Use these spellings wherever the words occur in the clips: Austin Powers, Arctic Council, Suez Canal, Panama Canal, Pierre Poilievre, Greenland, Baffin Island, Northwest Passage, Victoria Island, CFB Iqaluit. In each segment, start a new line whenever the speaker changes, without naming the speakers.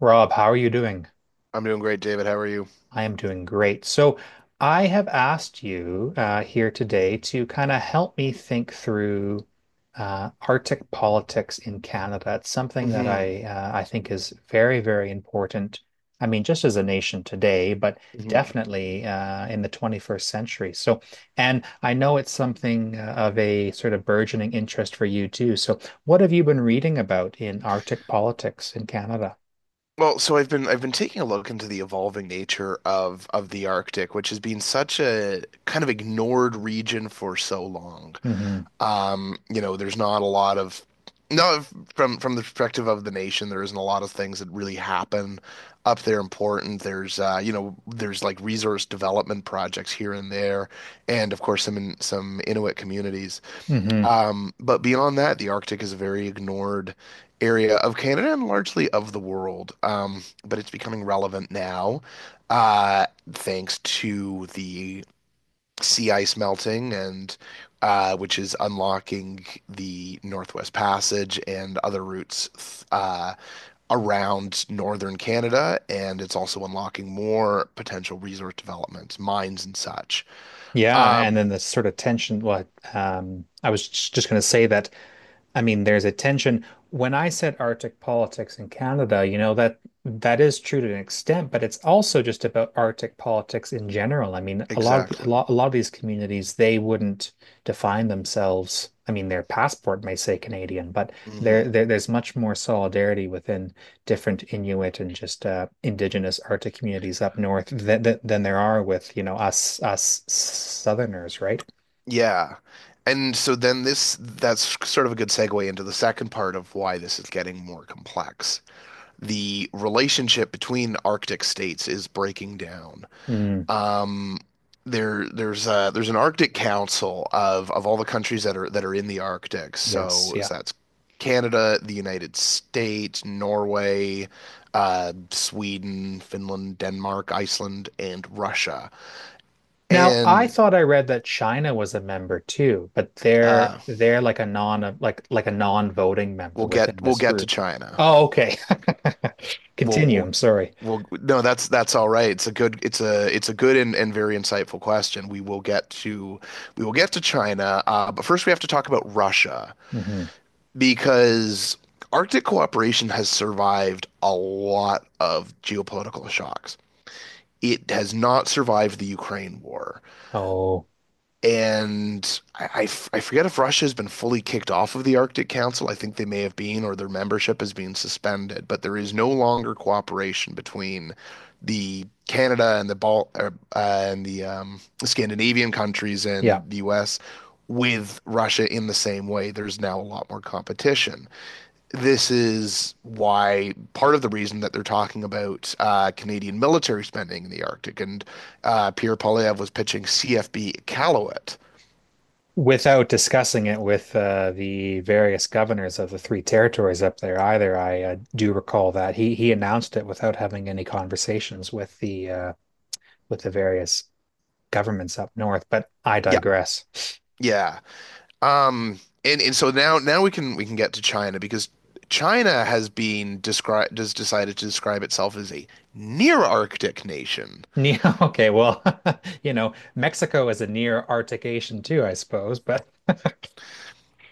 Rob, how are you doing?
I'm doing great, David. How are you?
I am doing great. I have asked you here today to kind of help me think through Arctic politics in Canada. It's something that
hmm
I think is very, very important. I mean, just as a nation today, but
hmm
definitely in the 21st century. So, and I know it's something of a sort of burgeoning interest for you too. So, what have you been reading about in Arctic politics in Canada?
Well, so I've been taking a look into the evolving nature of the Arctic, which has been such a kind of ignored region for so long.
hmm
You know, there's not a lot of no from the perspective of the nation, there isn't a lot of things that really happen up there important. There's you know, there's like resource development projects here and there, and of course some in, some Inuit communities.
hmm
But beyond that, the Arctic is a very ignored area of Canada and largely of the world. But it's becoming relevant now, uh, thanks to the sea ice melting and which is unlocking the Northwest Passage and other routes around northern Canada, and it's also unlocking more potential resource developments, mines and such.
Yeah, and
Um,
then the sort of tension. What I was just going to say that I mean, there's a tension. When I said Arctic politics in Canada, you know, that that is true to an extent, but it's also just about Arctic politics in general. I mean, a
exactly.
lot of these communities, they wouldn't define themselves. I mean, their passport may say Canadian, but there,
Mhm.
there there's much more solidarity within different Inuit and just Indigenous Arctic communities up north than than there are with, you know, us Southerners, right?
Yeah. And so then this that's sort of a good segue into the second part of why this is getting more complex. The relationship between Arctic states is breaking down.
Mm,
Um there's an Arctic Council of all the countries that are in the Arctic.
yes,
So
yeah.
so that's Canada, the United States, Norway, Sweden, Finland, Denmark, Iceland, and Russia.
Now, I
And
thought I read that China was a member too, but they're
uh
they're like a non like a non-voting member
we'll get
within
we'll
this
get to
group.
China.
Oh, okay.
Well,
Continue.
well,
I'm sorry.
No, that's all right. It's a good. It's a good and very insightful question. We will get to China, but first we have to talk about Russia
Hmm.
because Arctic cooperation has survived a lot of geopolitical shocks. It has not survived the Ukraine war.
Oh,
And I forget if Russia has been fully kicked off of the Arctic Council. I think they may have been, or their membership has been suspended. But there is no longer cooperation between the Canada and the Scandinavian countries
yeah.
and the U.S. with Russia in the same way. There's now a lot more competition. This is why part of the reason that they're talking about Canadian military spending in the Arctic and Pierre Poilievre was pitching CFB Iqaluit.
Without discussing it with the various governors of the three territories up there, either I do recall that he announced it without having any conversations with the various governments up north. But I
Yeah.
digress.
Yeah. Um and so now we can get to China because China has been described has decided to describe itself as a near Arctic nation.
Yeah, okay, well, you know, Mexico is a near Arctic Asian too, I suppose, but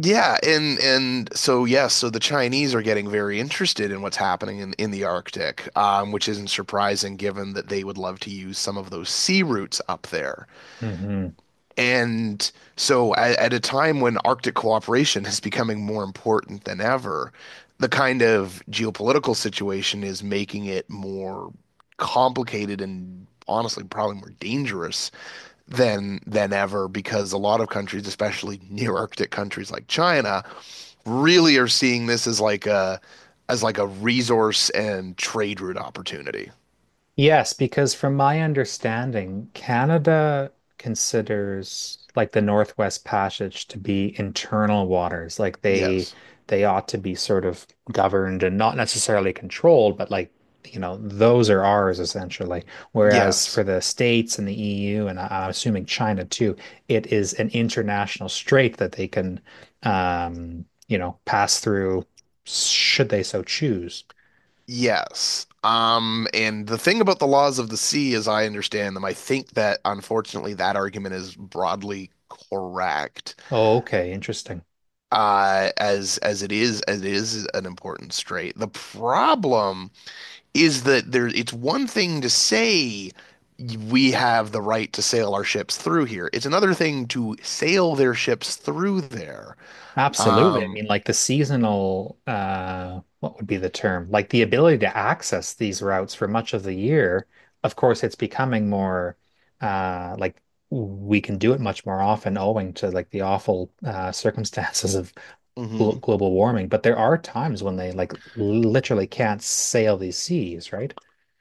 Yeah, and so yes, so the Chinese are getting very interested in what's happening in the Arctic, which isn't surprising given that they would love to use some of those sea routes up there.
Mhm.
And so, at a time when Arctic cooperation is becoming more important than ever, the kind of geopolitical situation is making it more complicated and honestly, probably more dangerous than ever because a lot of countries, especially near Arctic countries like China, really are seeing this as like a resource and trade route opportunity.
Yes, because from my understanding, Canada considers like the Northwest Passage to be internal waters. Like
Yes.
they ought to be sort of governed and not necessarily controlled, but like, you know, those are ours essentially. Whereas
Yes.
for the States and the EU, and I'm assuming China too, it is an international strait that they can you know, pass through should they so choose.
Yes. And the thing about the laws of the sea, as I understand them, I think that unfortunately that argument is broadly correct,
Oh, okay, interesting.
as it is an important strait. The problem is that there it's one thing to say we have the right to sail our ships through here. It's another thing to sail their ships through there.
Absolutely. I
Um,
mean, like the seasonal, what would be the term? Like the ability to access these routes for much of the year. Of course, it's becoming more, uh, like we can do it much more often owing to like the awful, circumstances of
mhm.
global warming. But there are times when they like literally can't sail these seas, right?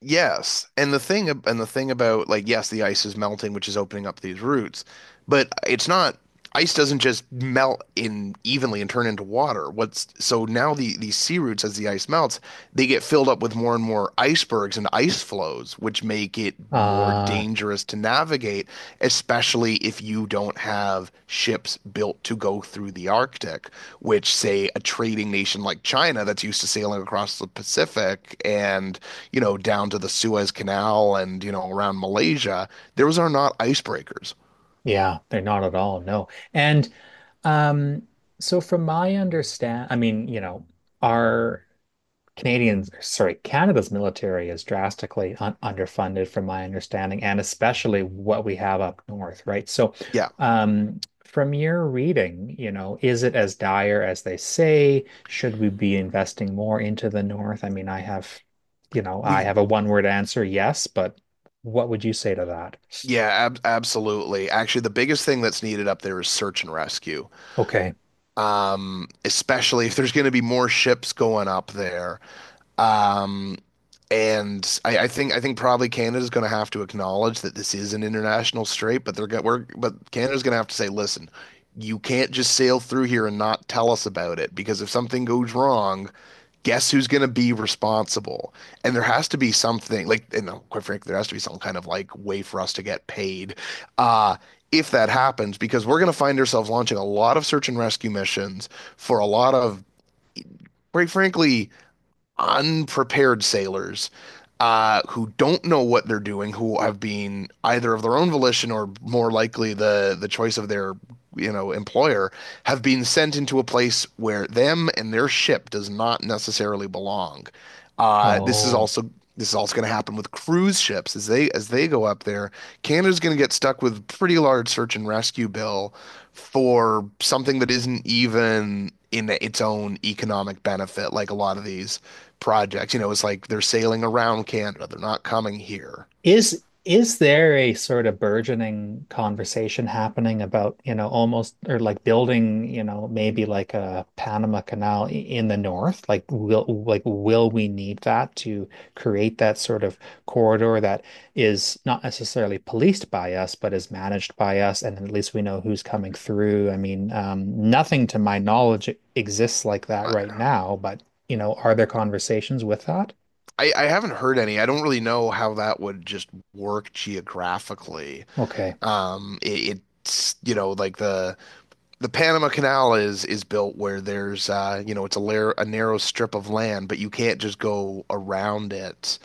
Yes, and the thing about like yes, the ice is melting, which is opening up these routes. But it's not ice doesn't just melt in evenly and turn into water. What's so now these sea roots as the ice melts, they get filled up with more and more icebergs and ice flows, which make it more
Uh,
dangerous to navigate, especially if you don't have ships built to go through the Arctic, which say a trading nation like China that's used to sailing across the Pacific and, you know, down to the Suez Canal and, you know, around Malaysia, those are not icebreakers.
Yeah, they're not at all. No. And um, so from my understand, I mean, you know, our Canadians, sorry, Canada's military is drastically un underfunded from my understanding, and especially what we have up north, right? So
Yeah,
from your reading, you know, is it as dire as they say? Should we be investing more into the north? I mean, I have, you know, I
We,
have a one-word answer, yes, but what would you say to that?
yeah, ab absolutely. Actually, the biggest thing that's needed up there is search and rescue.
Okay.
Especially if there's going to be more ships going up there. Um, And I think probably Canada's going to have to acknowledge that this is an international strait, but they're going we're but Canada's going to have to say, listen, you can't just sail through here and not tell us about it because if something goes wrong, guess who's going to be responsible? And there has to be something like, you know, quite frankly, there has to be some kind of like way for us to get paid. Uh, if that happens, because we're going to find ourselves launching a lot of search and rescue missions for a lot of, quite frankly, unprepared sailors who don't know what they're doing, who have been either of their own volition or more likely the choice of their you know employer, have been sent into a place where them and their ship does not necessarily belong. Uh, this is
Oh.
also this is also going to happen with cruise ships as they go up there. Canada's going to get stuck with a pretty large search and rescue bill for something that isn't even in its own economic benefit, like a lot of these projects. You know, it's like they're sailing around Canada; they're not coming here.
Is there a sort of burgeoning conversation happening about, you know, almost or like building, you know, maybe like a Panama Canal in the north? Like will we need that to create that sort of corridor that is not necessarily policed by us, but is managed by us, and at least we know who's coming through. I mean, nothing to my knowledge exists like that right now, but you know, are there conversations with that?
I haven't heard any. I don't really know how that would just work geographically.
Okay.
It's you know like the Panama Canal is built where there's you know it's a narrow strip of land, but you can't just go around it.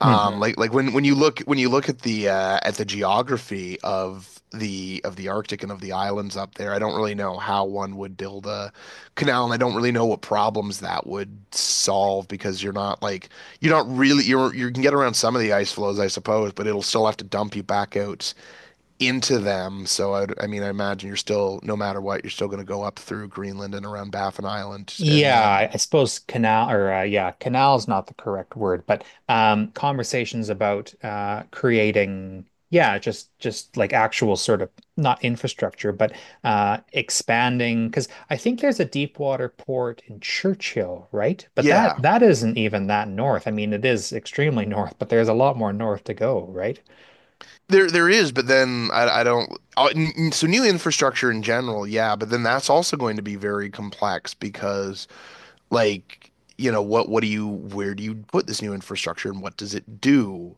Mhm.
Like when you look at the geography of the Arctic and of the islands up there, I don't really know how one would build a canal, and I don't really know what problems that would solve because you're not like you're not really you're you can get around some of the ice flows, I suppose, but it'll still have to dump you back out into them. So I mean, I imagine you're still, no matter what, you're still going to go up through Greenland and around Baffin Island, and
Yeah,
then
I suppose canal or yeah, canal is not the correct word, but conversations about creating yeah, just like actual sort of not infrastructure, but expanding because I think there's a deep water port in Churchill, right? But
yeah,
that isn't even that north. I mean, it is extremely north, but there's a lot more north to go, right?
there is, but then I don't. Oh, so new infrastructure in general, yeah, but then that's also going to be very complex because like. you know, what do you where do you put this new infrastructure and what does it do?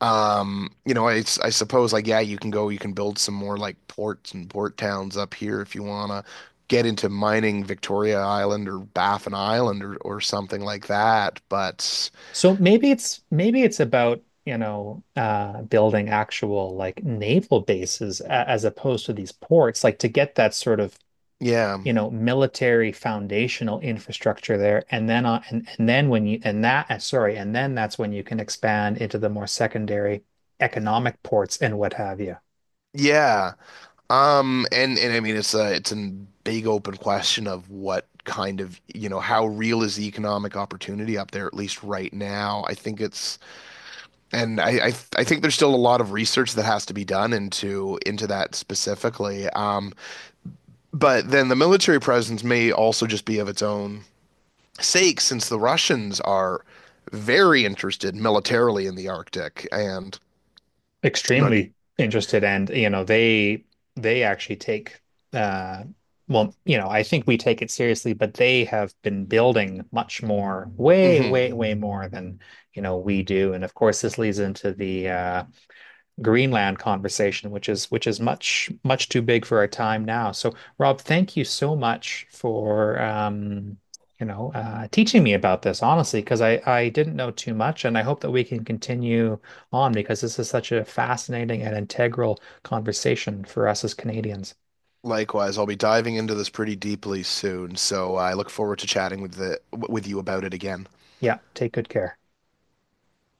You know, it's I suppose like yeah, you can go, you can build some more like ports and port towns up here if you wanna get into mining Victoria Island or Baffin Island or something like that. But
So maybe it's about, you know, building actual like naval bases as opposed to these ports, like to get that sort of,
yeah,
you know, military foundational infrastructure there and then when you and that sorry, and then that's when you can expand into the more secondary economic ports and what have you.
yeah. And I mean it's a big open question of what kind of you know how real is the economic opportunity up there at least right now. I think it's and I think there's still a lot of research that has to be done into that specifically. But then the military presence may also just be of its own sake, since the Russians are very interested militarily in the Arctic. And I'm
Extremely interested, and you know they actually take uh well, you know, I think we take it seriously, but they have been building much more,
hmm
way more than you know we do. And of course this leads into the Greenland conversation, which is much much too big for our time now. So, Rob, thank you so much for you know teaching me about this, honestly, because I didn't know too much, and I hope that we can continue on because this is such a fascinating and integral conversation for us as Canadians.
likewise, I'll be diving into this pretty deeply soon. So I look forward to chatting with the with you about it again.
Yeah, take good care.